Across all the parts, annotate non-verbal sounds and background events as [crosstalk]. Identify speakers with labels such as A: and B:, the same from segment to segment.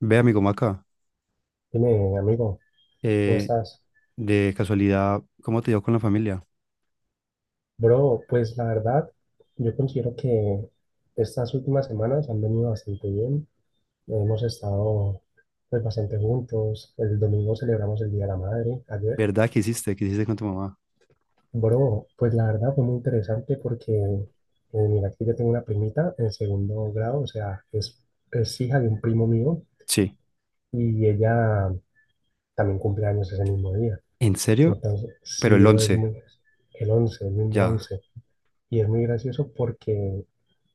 A: Ve, amigo Maca,
B: Dime, amigo, ¿cómo
A: eh,
B: estás?
A: de casualidad, ¿cómo te dio con la familia?
B: Bro, pues la verdad, yo considero que estas últimas semanas han venido bastante bien. Hemos estado pues bastante juntos. El domingo celebramos el Día de la Madre, ayer.
A: ¿Verdad que hiciste? ¿Qué hiciste con tu mamá?
B: Bro, pues la verdad fue muy interesante porque mira, aquí yo tengo una primita en segundo grado, o sea, es hija de un primo mío
A: Sí.
B: y ella también cumple años ese mismo día.
A: ¿En serio?
B: Entonces,
A: Pero
B: sí,
A: el
B: bro,
A: 11
B: el 11 el mismo
A: ya.
B: 11. Y es muy gracioso porque,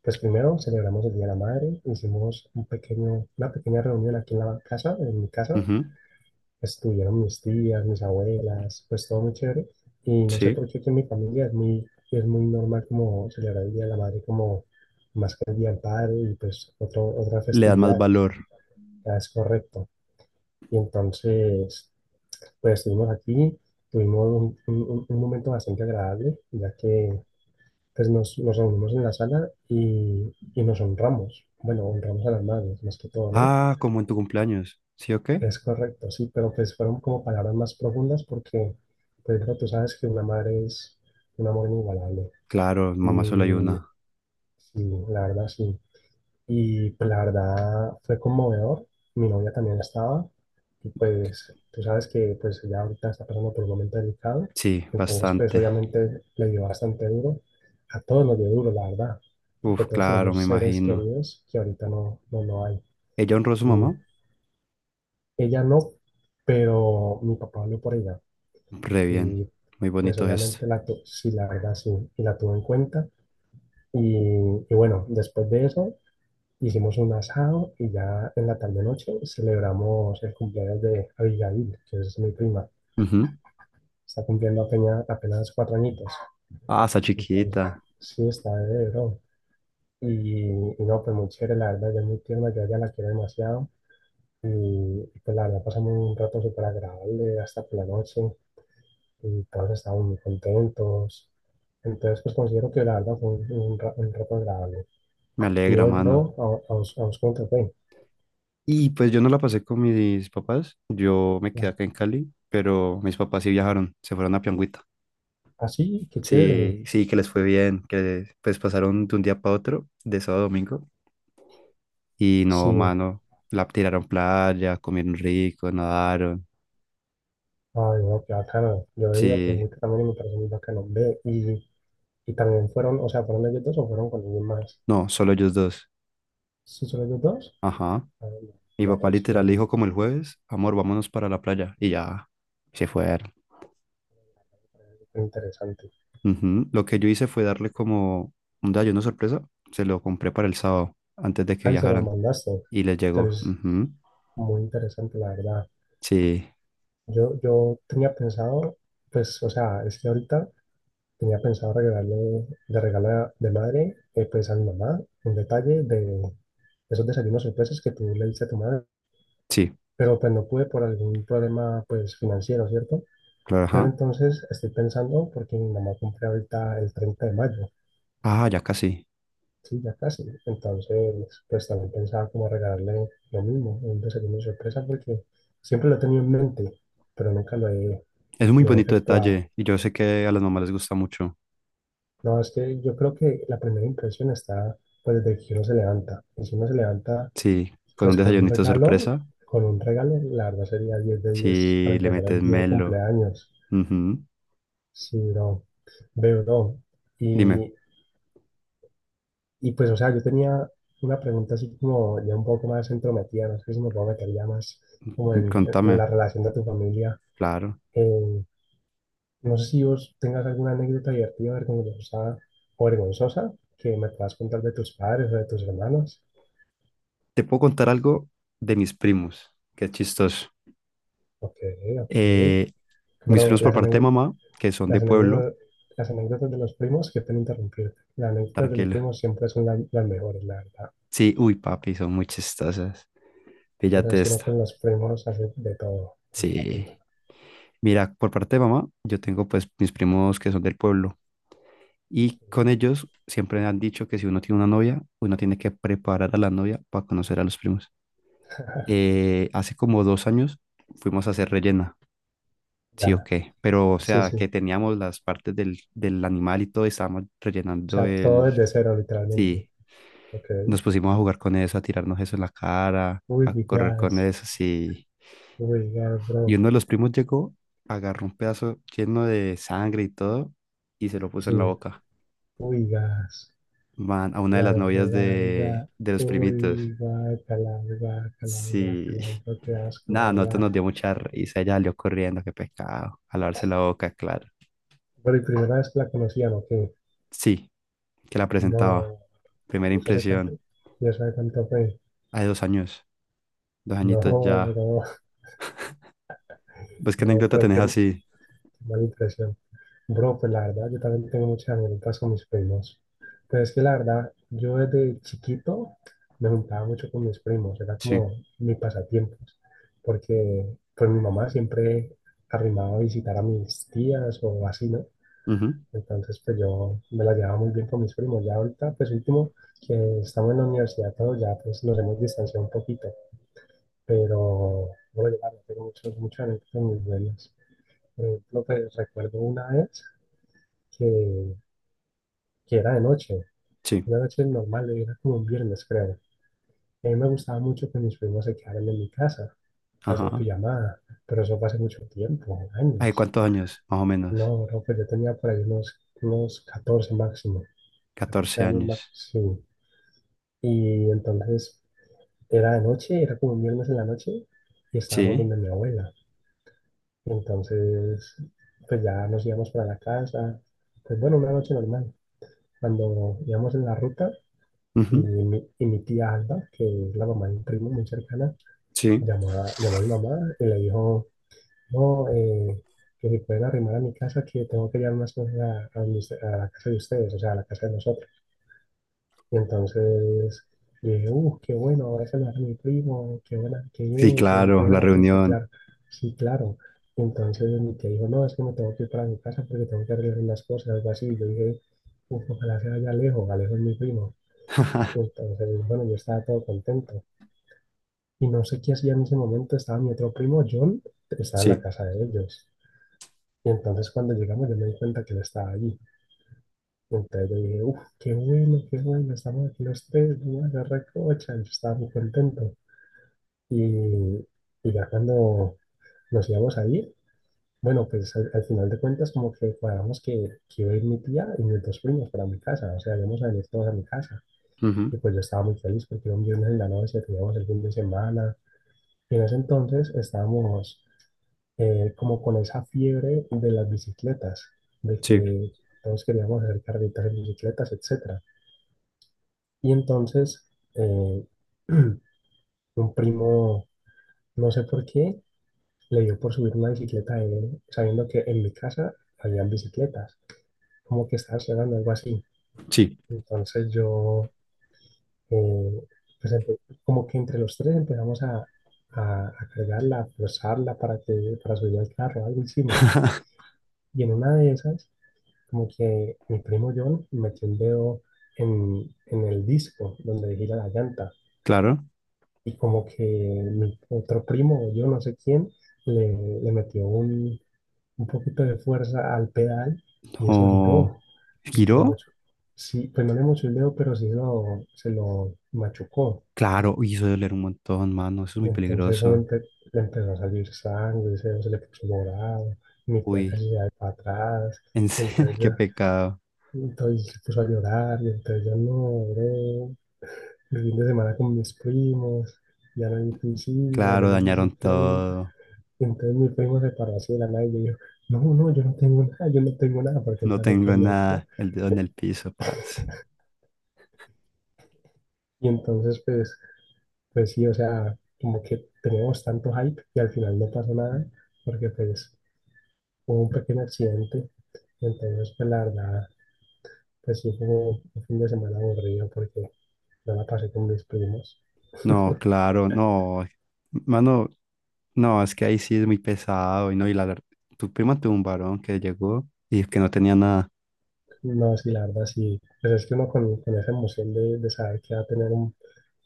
B: pues primero celebramos el Día de la Madre, hicimos una pequeña reunión aquí en la casa, en mi casa.
A: Ujú.
B: Estuvieron mis tías, mis abuelas, pues todo muy chévere. Y no sé
A: Sí.
B: por qué que en mi familia es muy normal como celebrar el Día de la Madre como más que el Día del Padre y pues otras
A: Le das más
B: festividades.
A: valor.
B: Ya es correcto. Y entonces, pues estuvimos aquí, tuvimos un momento bastante agradable, ya que entonces nos reunimos en la sala y nos honramos. Bueno, honramos a las madres, más que todo, ¿no?
A: Ah, como en tu cumpleaños. ¿Sí o qué?
B: Es correcto, sí, pero pues fueron como palabras más profundas porque, pues claro, tú sabes que una madre es un amor inigualable.
A: Claro, mamá solo hay
B: Y
A: una.
B: sí, la verdad, sí. Y pues la verdad fue conmovedor. Mi novia también estaba. Y pues tú sabes que pues ella ahorita está pasando por un momento delicado.
A: Sí,
B: Entonces pues
A: bastante.
B: obviamente le dio bastante duro. A todos nos dio duro, la verdad. Porque
A: Uf,
B: todos
A: claro,
B: tenemos
A: me
B: seres
A: imagino.
B: queridos que ahorita no, no, no hay.
A: ¿Ella honró a su
B: Y
A: mamá?
B: ella no, pero mi papá habló por ella.
A: Re bien.
B: Y
A: Muy
B: pues
A: bonito gesto.
B: obviamente sí, la verdad sí. Y la tuvo en cuenta. Y, y bueno, después de eso hicimos un asado y ya en la tarde-noche celebramos el cumpleaños de Abigail, que es mi prima.
A: Ujú.
B: Está cumpliendo apenas 4 añitos.
A: Ah, está
B: Entonces,
A: chiquita.
B: sí, está de bro. Y, y no, pues muy chévere, la verdad, ella es muy tierna, yo a ella la quiero demasiado. Y pues la verdad, pasamos un rato súper agradable hasta por la noche y todos estábamos muy contentos. Entonces, pues considero que la verdad fue un rato agradable.
A: Me
B: Y
A: alegra,
B: vos,
A: mano.
B: bro, a vos cómo te fue.
A: Y pues yo no la pasé con mis papás, yo me quedé acá en Cali, pero mis papás sí viajaron, se fueron a Piangüita.
B: Así, qué chévere.
A: Sí, sí, que les fue bien, que pues pasaron de un día para otro, de sábado a domingo, y no,
B: Sí,
A: mano, la tiraron playa, comieron rico, nadaron,
B: ay, no, qué bacano. Yo digo que es
A: sí,
B: muy también me parece muy bacano. Ve, y también fueron, o sea, ¿fueron ellos dos o fueron con alguien más?
A: no, solo ellos dos,
B: ¿Sí son ellos dos?
A: ajá.
B: Ay, no,
A: Mi
B: pero
A: papá
B: re
A: literal le
B: chévere,
A: dijo como el jueves, amor, vámonos para la playa, y ya, se fueron.
B: qué interesante.
A: Ujú. Lo que yo hice fue darle como un desayuno sorpresa, se lo compré para el sábado, antes de que
B: Ahí se los
A: viajaran.
B: mandaste.
A: Y le llegó.
B: Entonces,
A: Ujú.
B: muy interesante, la verdad.
A: Sí,
B: Yo tenía pensado, pues, o sea, es que ahorita tenía pensado regalarle, de regalo de madre, pues a mi mamá, un detalle de esos desayunos sorpresas que tú le diste a tu madre.
A: sí,
B: Pero pues no pude por algún problema, pues, financiero, ¿cierto?
A: claro,
B: Pero
A: ajá.
B: entonces estoy pensando, porque mi mamá cumple ahorita el 30 de mayo.
A: Ah, ya casi.
B: Sí, ya casi. Entonces, pues también pensaba como regalarle lo mismo, un desayuno sorpresa, porque siempre lo he tenido en mente, pero nunca lo he,
A: Es un muy
B: lo he
A: bonito
B: efectuado.
A: detalle y yo sé que a las mamás les gusta mucho.
B: No, es que yo creo que la primera impresión está pues desde que uno se levanta. Y si uno se levanta
A: Sí, con un
B: pues
A: desayunito sorpresa.
B: con un regalo, la verdad sería 10 de 10 para
A: Sí, le
B: empezar
A: metes
B: el día de
A: melo.
B: cumpleaños.
A: Ujú.
B: Sí, no, veo, no.
A: Dime,
B: Y Y pues, o sea, yo tenía una pregunta así como ya un poco más entrometida, no sé si me puedo meter ya más como en
A: contame.
B: la relación de tu familia.
A: Claro.
B: Eh, no sé si vos tengas alguna anécdota divertida, vergonzosa o vergonzosa que me puedas contar de tus padres o de tus hermanos.
A: Te puedo contar algo de mis primos, que es chistoso.
B: Ok, ok.
A: Eh, mis
B: Bro,
A: primos por parte de mamá, que son de
B: las
A: pueblo,
B: anécdotas, las anécdotas de los primos, que pena interrumpirte. Las anécdotas de los
A: tranquilo.
B: primos siempre son las mejores, la verdad.
A: Sí, uy, papi, son muy chistosas.
B: Pero
A: Píllate
B: es que uno
A: esta.
B: con los primos hace de todo. Punta, punta,
A: Sí. Mira, por parte de mamá, yo tengo pues mis primos que son del pueblo y
B: punta.
A: con ellos siempre han dicho que si uno tiene una novia, uno tiene que preparar a la novia para conocer a los primos.
B: [laughs]
A: Hace como 2 años fuimos a hacer rellena, sí o
B: Ya,
A: qué, pero o
B: sí,
A: sea
B: sí.
A: que teníamos las partes del animal y todo y estábamos
B: O
A: rellenando
B: sea, todo
A: el...
B: desde cero, literalmente.
A: Sí,
B: Ok.
A: nos pusimos a jugar con eso, a tirarnos eso en la cara,
B: Uy,
A: a correr con
B: gas.
A: eso, sí.
B: Uy, gas,
A: Y
B: bro.
A: uno de los primos llegó, agarró un pedazo lleno de sangre y todo y se lo puso
B: Sí.
A: en la boca.
B: Uy, gas.
A: Man, a una de las
B: Gas, bro,
A: novias
B: gas,
A: de,
B: gas.
A: de los
B: Uy,
A: primitos.
B: guácala, guácala,
A: Sí.
B: guácala.
A: [laughs]
B: Creo que asco, la
A: Nada, nosotros
B: verdad.
A: nos dio mucha risa. Ella salió corriendo, qué pecado. A lavarse la boca, claro.
B: Bueno, y primera vez que la conocían, ¿o qué?
A: Sí, que la presentaba.
B: No.
A: Primera
B: ¿Y eso hace cuánto?
A: impresión.
B: ¿Y eso hace cuánto fue?
A: Hace 2 años. Dos
B: No,
A: añitos ya.
B: no,
A: ¿Ves qué
B: bro,
A: anécdota
B: pero
A: tenés
B: qué
A: así?
B: mala impresión. Bro, pues la verdad, yo también tengo muchas anécdotas con mis primos. Pero es que la verdad, yo desde chiquito me juntaba mucho con mis primos, era
A: Sí.
B: como mi pasatiempos, porque pues mi mamá siempre arrimaba a visitar a mis tías o así, ¿no?
A: Ujú.
B: Entonces, pues yo me la llevaba muy bien con mis primos. Ya ahorita, pues último, que estamos en la universidad todos, ya pues nos hemos distanciado un poquito, pero bueno, ya tengo muchas anécdotas muy buenas. Por ejemplo, pues recuerdo una vez que que era de noche,
A: Sí.
B: una noche normal, era como un viernes, creo. Y a mí me gustaba mucho que mis primos se quedaran en mi casa a hacer
A: Ajá.
B: pijamada, pero eso fue hace mucho tiempo,
A: ¿Hace
B: años.
A: cuántos años? Más o menos.
B: No, creo que yo tenía por ahí unos 14 máximo, 14
A: catorce
B: años máximo,
A: años.
B: sí. Y entonces era de noche, era como un viernes en la noche, y estábamos
A: Sí.
B: donde mi abuela. Entonces, pues ya nos íbamos para la casa, pues bueno, una noche normal. Cuando íbamos en la ruta, Y
A: Ujú.
B: mi, y mi tía Alba, que es la mamá de un primo muy cercana,
A: Sí.
B: llamó a mi mamá y le dijo, no, que si pueden arrimar a mi casa, que tengo que llevar unas cosas a la casa de ustedes, o sea, a la casa de nosotros. Y entonces yo dije, qué bueno, ese lo hace mi primo, qué buena, qué
A: Sí,
B: bien, qué
A: claro, la
B: buena noticia,
A: reunión.
B: claro. Sí, claro. Y entonces mi tía dijo, no, es que me tengo que ir para mi casa porque tengo que arreglar unas cosas, algo así. Y yo dije, uf, ojalá sea ya Alejo, Alejo es mi primo. Entonces, bueno, yo estaba todo contento. Y no sé qué hacía en ese momento, estaba mi otro primo, John, estaba en la
A: Sí,
B: casa de ellos. Y entonces cuando llegamos yo me di cuenta que él estaba allí. Y entonces yo dije, uff, qué bueno, estamos aquí los tres, vamos la recocha. Yo estaba muy contento. Y, y ya cuando nos íbamos a ir, bueno, pues al final de cuentas como que cuadramos que iba a ir mi tía y mis dos primos para mi casa. O sea, íbamos a venir todos a mi casa.
A: ujú,
B: Y pues yo estaba muy feliz porque era un viernes en la noche, teníamos el fin de semana. Y en ese entonces estábamos como con esa fiebre de las bicicletas, de
A: sí,
B: que todos queríamos hacer carreritas en bicicletas, etcétera. Y entonces eh, [clears throat] un primo, no sé por qué, le dio por subir una bicicleta de él, sabiendo que en mi casa habían bicicletas, como que estaba llegando algo así.
A: sí,
B: Entonces yo, eh, pues como que entre los tres empezamos a cargarla, a forzarla para que, para subir al carro, algo hicimos. Y en una de esas, como que mi primo John metió el dedo en el disco donde gira la llanta.
A: claro.
B: Y como que mi otro primo, o yo no sé quién, le, le metió un poquito de fuerza al pedal y eso giró.
A: O
B: Y le
A: giró.
B: mochó- sí, pues no le mochó el dedo, pero sí se lo machucó.
A: Claro, uy, eso debe doler un montón, mano. Eso es
B: Y
A: muy
B: entonces eso
A: peligroso.
B: le empezó a salir sangre, ese se le puso morado. Mi tía
A: Uy,
B: casi se da para atrás.
A: en serio,
B: Entonces
A: [laughs] qué
B: ya
A: pecado.
B: Y entonces se puso a llorar, y entonces yo no, bro. El fin de semana con mis primos, ya no hay piscina, ya
A: Claro,
B: no hay
A: dañaron
B: bicicleta.
A: todo.
B: Y entonces mi primo se paró así de la nada y yo dijo, no, no, yo no tengo nada, yo no tengo nada, porque él
A: No
B: también
A: tengo
B: quería el plan.
A: nada. El dedo en el piso, paz.
B: Y entonces, pues sí, o sea, como que teníamos tanto hype y al final no pasó nada, porque pues hubo un pequeño accidente. Y entonces, pues la verdad, pues sí fue un fin de semana aburrido porque no la pasé con mis primos.
A: No, claro, no. Mano, no, es que ahí sí es muy pesado. Y no, y tu prima tuvo un varón que llegó y que no tenía nada.
B: No, sí, la verdad, sí. Pues es que uno con esa emoción de saber que va a tener un,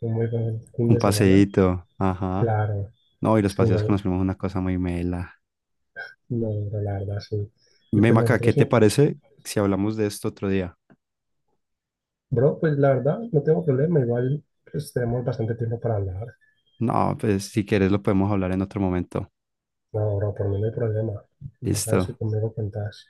B: un muy buen fin
A: Un
B: de semana,
A: paseíto. Ajá.
B: claro,
A: No, y los
B: sí,
A: paseos con
B: no,
A: los primos es una cosa muy mela.
B: no, no, la verdad, sí. Y pues
A: Memaca, ¿qué
B: nosotros
A: te
B: sí,
A: parece si hablamos de esto otro día?
B: bro, pues la verdad, no tengo problema, igual pues tenemos bastante tiempo para hablar.
A: No, pues si quieres lo podemos hablar en otro momento.
B: No, bro, por mí no hay problema. Me sabes si
A: Listo.
B: conmigo cuentas.